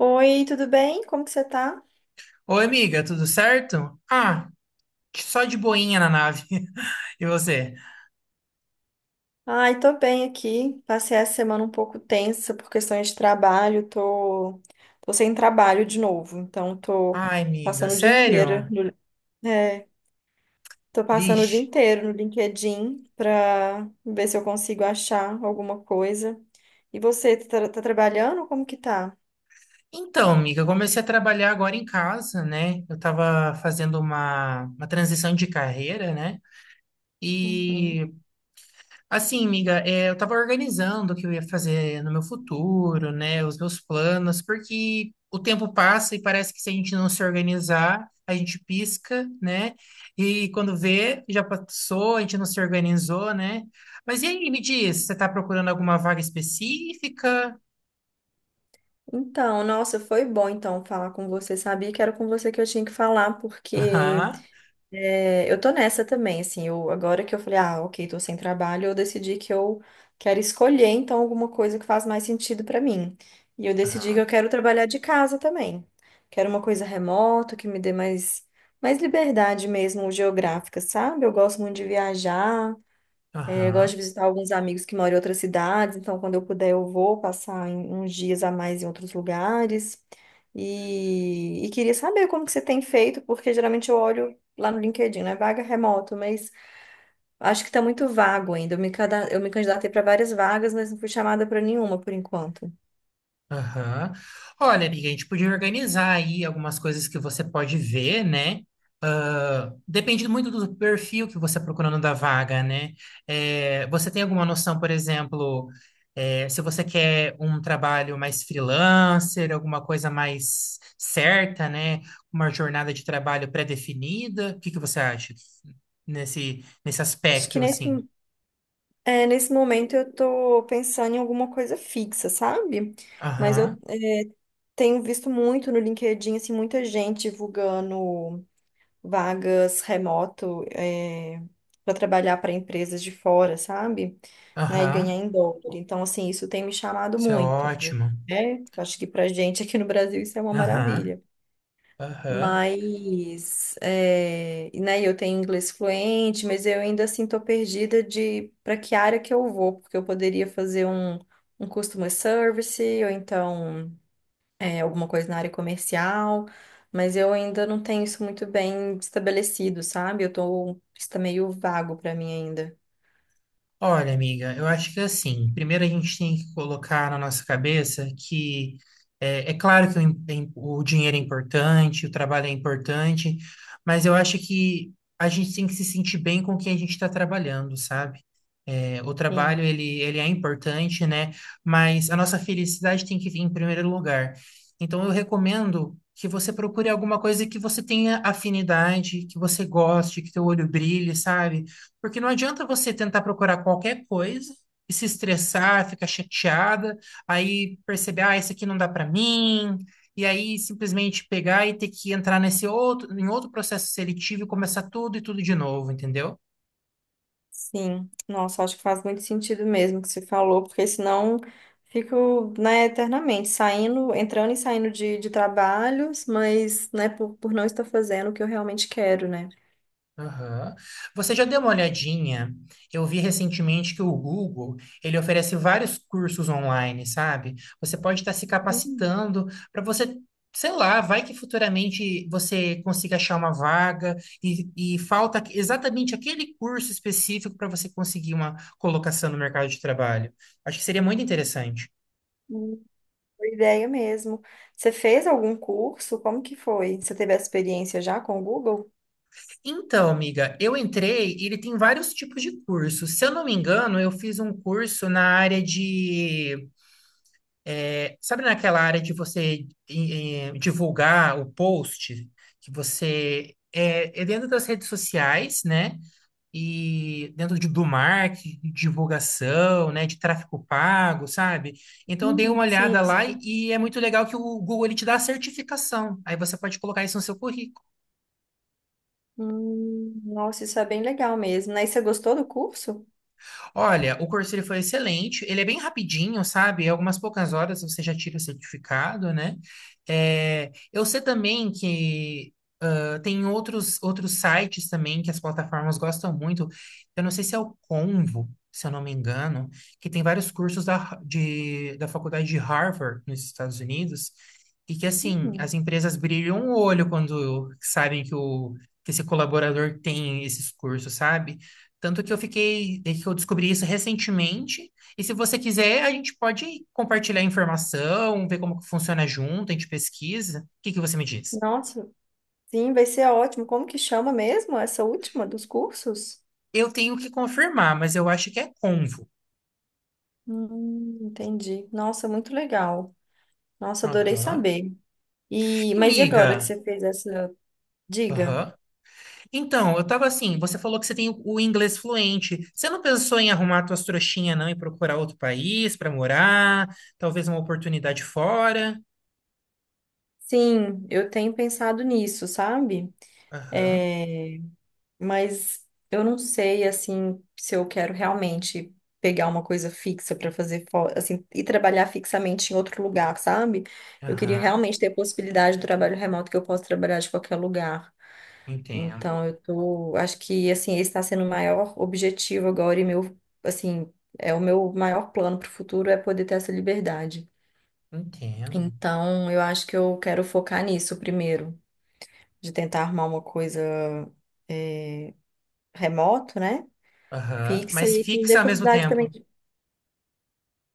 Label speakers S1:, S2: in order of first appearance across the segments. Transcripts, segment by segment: S1: Oi, tudo bem? Como que você tá?
S2: Oi, amiga, tudo certo? Só de boinha na nave. E você?
S1: Ai, tô bem aqui. Passei a semana um pouco tensa por questões de trabalho. Tô sem trabalho de novo, então tô
S2: Ai, amiga,
S1: passando o dia inteiro
S2: sério?
S1: no... é, tô passando o dia
S2: Vixe.
S1: inteiro no LinkedIn pra ver se eu consigo achar alguma coisa. E você, tá trabalhando? Como que tá?
S2: Então, amiga, eu comecei a trabalhar agora em casa, né? Eu tava fazendo uma transição de carreira, né?
S1: Uhum.
S2: E Assim, amiga, eu estava organizando o que eu ia fazer no meu futuro, né, os meus planos, porque o tempo passa e parece que se a gente não se organizar, a gente pisca, né, e quando vê, já passou, a gente não se organizou, né. Mas e aí, me diz, você está procurando alguma vaga específica?
S1: Então, nossa, foi bom então falar com você. Sabia que era com você que eu tinha que falar, porque
S2: Aham,
S1: é, eu tô nessa também, assim, eu, agora que eu falei, ah, ok, tô sem trabalho, eu decidi que eu quero escolher, então, alguma coisa que faz mais sentido pra mim. E eu decidi que
S2: aham,
S1: eu quero trabalhar de casa também. Quero uma coisa remota, que me dê mais, mais liberdade mesmo geográfica, sabe? Eu gosto muito de viajar, eu gosto
S2: aham.
S1: de visitar alguns amigos que moram em outras cidades, então quando eu puder eu vou uns dias a mais em outros lugares. E queria saber como que você tem feito, porque geralmente eu olho lá no LinkedIn, né? Vaga remoto, mas acho que está muito vago ainda. Eu me candidatei para várias vagas, mas não fui chamada para nenhuma por enquanto.
S2: Aham. Olha, amiga, a gente podia organizar aí algumas coisas que você pode ver, né? Ah, depende muito do perfil que você está procurando da vaga, né? Você tem alguma noção, por exemplo, se você quer um trabalho mais freelancer, alguma coisa mais certa, né? Uma jornada de trabalho pré-definida? O que que você acha nesse
S1: Acho que
S2: aspecto,
S1: nesse,
S2: assim?
S1: é, nesse momento eu tô pensando em alguma coisa fixa, sabe? Mas eu
S2: Aham,
S1: tenho visto muito no LinkedIn, assim, muita gente divulgando vagas remoto para trabalhar para empresas de fora, sabe? Né, e ganhar
S2: aham.
S1: em dólar. Então, assim, isso tem me chamado
S2: Isso é
S1: muito. Eu,
S2: ótimo.
S1: né? Acho que para gente aqui no Brasil isso é uma
S2: Aham,
S1: maravilha.
S2: aham.
S1: Mas, é, e, né, eu tenho inglês fluente, mas eu ainda assim tô perdida de para que área que eu vou, porque eu poderia fazer um customer service, ou então é, alguma coisa na área comercial, mas eu ainda não tenho isso muito bem estabelecido, sabe? Eu tô, isso tá meio vago pra mim ainda.
S2: Olha, amiga, eu acho que assim, primeiro a gente tem que colocar na nossa cabeça que é claro que o dinheiro é importante, o trabalho é importante, mas eu acho que a gente tem que se sentir bem com o que a gente está trabalhando, sabe? É, o trabalho
S1: Sim.
S2: ele é importante, né? Mas a nossa felicidade tem que vir em primeiro lugar. Então, eu recomendo que você procure alguma coisa que você tenha afinidade, que você goste, que teu olho brilhe, sabe? Porque não adianta você tentar procurar qualquer coisa e se estressar, ficar chateada, aí perceber, ah, isso aqui não dá para mim, e aí simplesmente pegar e ter que entrar em outro processo seletivo e começar tudo e tudo de novo, entendeu?
S1: Sim. Nossa, acho que faz muito sentido mesmo o que você falou, porque senão fico, né, eternamente saindo, entrando e saindo de trabalhos, mas, né, por não estar fazendo o que eu realmente quero, né?
S2: Aham. Você já deu uma olhadinha? Eu vi recentemente que o Google, ele oferece vários cursos online, sabe? Você pode estar se
S1: Hum,
S2: capacitando para você, sei lá, vai que futuramente você consiga achar uma vaga e falta exatamente aquele curso específico para você conseguir uma colocação no mercado de trabalho. Acho que seria muito interessante.
S1: hum, boa ideia mesmo. Você fez algum curso? Como que foi? Você teve essa experiência já com o Google?
S2: Então, amiga, eu entrei e ele tem vários tipos de cursos. Se eu não me engano, eu fiz um curso na área de. Sabe naquela área de você divulgar o post, que você é dentro das redes sociais, né? E dentro do marketing, de divulgação, né? De tráfego pago, sabe? Então eu dei uma
S1: Hum. Sim,
S2: olhada lá
S1: sim.
S2: e é muito legal que o Google ele te dá a certificação. Aí você pode colocar isso no seu currículo.
S1: Nossa, isso é bem legal mesmo, né? E você gostou do curso?
S2: Olha, o curso ele foi excelente, ele é bem rapidinho, sabe? Em algumas poucas horas você já tira o certificado, né? É, eu sei também que. Ah, tem outros sites também que as plataformas gostam muito. Eu não sei se é o Convo, se eu não me engano, que tem vários cursos da faculdade de Harvard nos Estados Unidos, e que assim, as
S1: Hum,
S2: empresas brilham o olho quando sabem que esse colaborador tem esses cursos, sabe? Tanto que eu fiquei, é que eu descobri isso recentemente. E se você quiser, a gente pode compartilhar a informação, ver como que funciona junto, a gente pesquisa. O que que você me diz?
S1: nossa, sim, vai ser ótimo. Como que chama mesmo essa última dos cursos?
S2: Eu tenho que confirmar, mas eu acho que é Convo.
S1: Entendi. Nossa, muito legal. Nossa, adorei
S2: Aham.
S1: saber. E, mas e agora
S2: Amiga.
S1: que
S2: Miga.
S1: você fez essa diga?
S2: Aham. Então, eu tava assim, você falou que você tem o inglês fluente. Você não pensou em arrumar tuas trouxinhas, não, e procurar outro país para morar? Talvez uma oportunidade fora?
S1: Sim, eu tenho pensado nisso, sabe?
S2: Aham.
S1: Mas eu não sei assim se eu quero realmente pegar uma coisa fixa para assim e trabalhar fixamente em outro lugar, sabe? Eu queria
S2: Aham.
S1: realmente ter a possibilidade do trabalho remoto que eu posso trabalhar de qualquer lugar.
S2: Entendo.
S1: Então eu tô, acho que assim esse está sendo o maior objetivo agora e meu assim é o meu maior plano para o futuro é poder ter essa liberdade.
S2: Entendo.
S1: Então eu acho que eu quero focar nisso primeiro, de tentar arrumar uma coisa é, remoto, né?
S2: Aham.
S1: Fixa
S2: Mas
S1: e que me dê
S2: fixa ao mesmo
S1: possibilidade também
S2: tempo.
S1: de...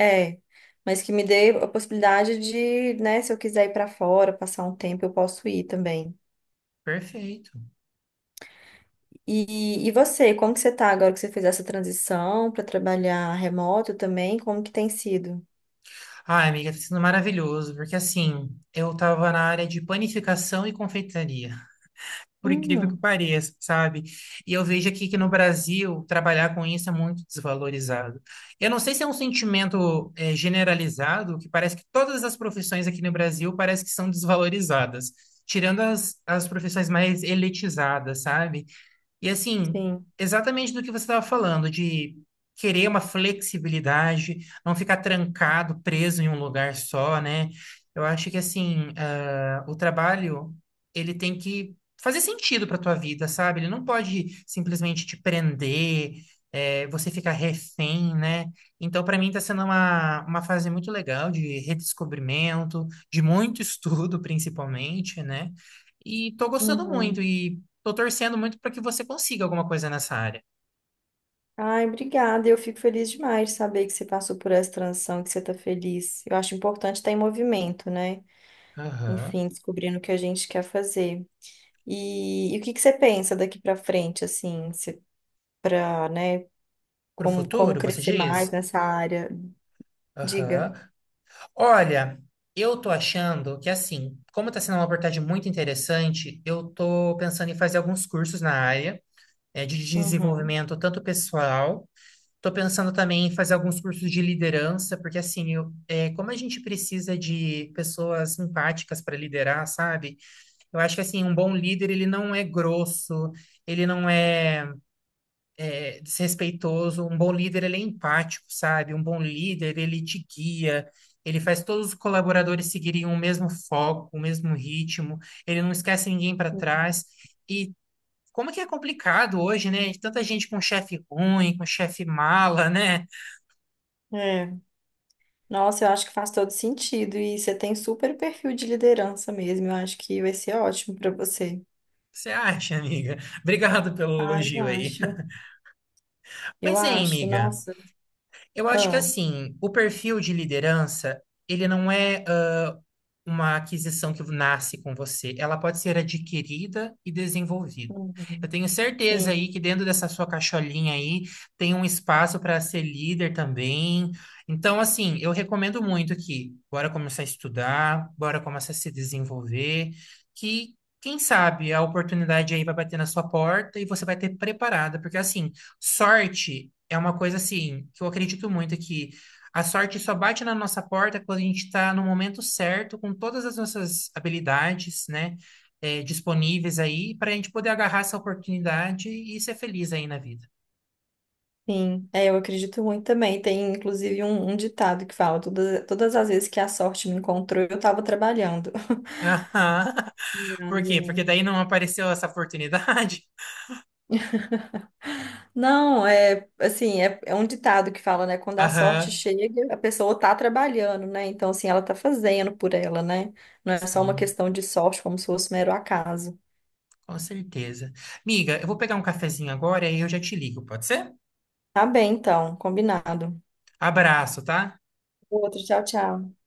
S1: é, mas que me dê a possibilidade de, né, se eu quiser ir para fora, passar um tempo, eu posso ir também.
S2: Perfeito.
S1: E você, como que você tá agora que você fez essa transição para trabalhar remoto também? Como que tem sido?
S2: Ah, amiga, tá sendo maravilhoso, porque assim, eu tava na área de panificação e confeitaria. Por incrível que
S1: Hum,
S2: pareça, sabe? E eu vejo aqui que no Brasil trabalhar com isso é muito desvalorizado. Eu não sei se é um sentimento generalizado, que parece que todas as profissões aqui no Brasil parece que são desvalorizadas, tirando as profissões mais elitizadas, sabe? E assim,
S1: sim.
S2: exatamente do que você estava falando, de querer uma flexibilidade, não ficar trancado, preso em um lugar só, né? Eu acho que assim, ah, o trabalho, ele tem que fazer sentido para tua vida, sabe? Ele não pode simplesmente te prender, você ficar refém, né? Então, para mim, está sendo uma fase muito legal de redescobrimento, de muito estudo, principalmente, né? E tô gostando muito.
S1: Uhum.
S2: E. Tô torcendo muito para que você consiga alguma coisa nessa área.
S1: Ai, obrigada. Eu fico feliz demais de saber que você passou por essa transição, que você tá feliz. Eu acho importante estar em movimento, né?
S2: Aham.
S1: Enfim, descobrindo o que a gente quer fazer. E o que que você pensa daqui para frente, assim? Para, né,
S2: Pro
S1: como
S2: futuro, você
S1: crescer mais
S2: diz?
S1: nessa área. Diga.
S2: Aham. Olha, eu tô achando que assim, como tá sendo uma abordagem muito interessante, eu tô pensando em fazer alguns cursos na área, de
S1: Uhum.
S2: desenvolvimento tanto pessoal, tô pensando também em fazer alguns cursos de liderança, porque assim, como a gente precisa de pessoas empáticas para liderar, sabe? Eu acho que assim, um bom líder, ele não é grosso, ele não é desrespeitoso. Um bom líder, ele é empático, sabe? Um bom líder, ele te guia, ele faz todos os colaboradores seguirem o mesmo foco, o mesmo ritmo, ele não esquece ninguém para trás. E como que é complicado hoje, né? Tanta gente com chefe ruim, com chefe mala, né?
S1: É. Nossa, eu acho que faz todo sentido e você tem super perfil de liderança mesmo. Eu acho que vai ser ótimo para você.
S2: Você acha, amiga? Obrigado pelo
S1: Ah, eu
S2: elogio aí.
S1: acho. Eu
S2: Mas, hein,
S1: acho.
S2: amiga,
S1: Nossa.
S2: eu acho que
S1: Ah.
S2: assim, o perfil de liderança, ele não é uma aquisição que nasce com você, ela pode ser adquirida e desenvolvida. Eu
S1: Uhum.
S2: tenho certeza
S1: Sim,
S2: aí que dentro dessa sua caixolinha aí tem um espaço para ser líder também. Então, assim, eu recomendo muito que bora começar a estudar, bora começar a se desenvolver, que quem sabe a oportunidade aí vai bater na sua porta e você vai ter preparada, porque assim, sorte é uma coisa assim que eu acredito muito que a sorte só bate na nossa porta quando a gente está no momento certo, com todas as nossas habilidades, né, disponíveis aí, para a gente poder agarrar essa oportunidade e ser feliz aí na vida.
S1: sim. É, eu acredito muito também. Tem inclusive um ditado que fala: todas as vezes que a sorte me encontrou, eu estava trabalhando.
S2: Aham. Por quê? Porque daí não apareceu essa oportunidade?
S1: Não, é assim, é um ditado que fala, né? Quando a sorte
S2: Aham.
S1: chega, a pessoa tá trabalhando, né? Então, assim, ela tá fazendo por ela, né? Não é só uma
S2: Sim,
S1: questão de sorte, como se fosse mero acaso.
S2: com certeza. Miga, eu vou pegar um cafezinho agora e eu já te ligo, pode ser?
S1: Tá bem, então, combinado.
S2: Abraço, tá?
S1: Outro, tchau, tchau.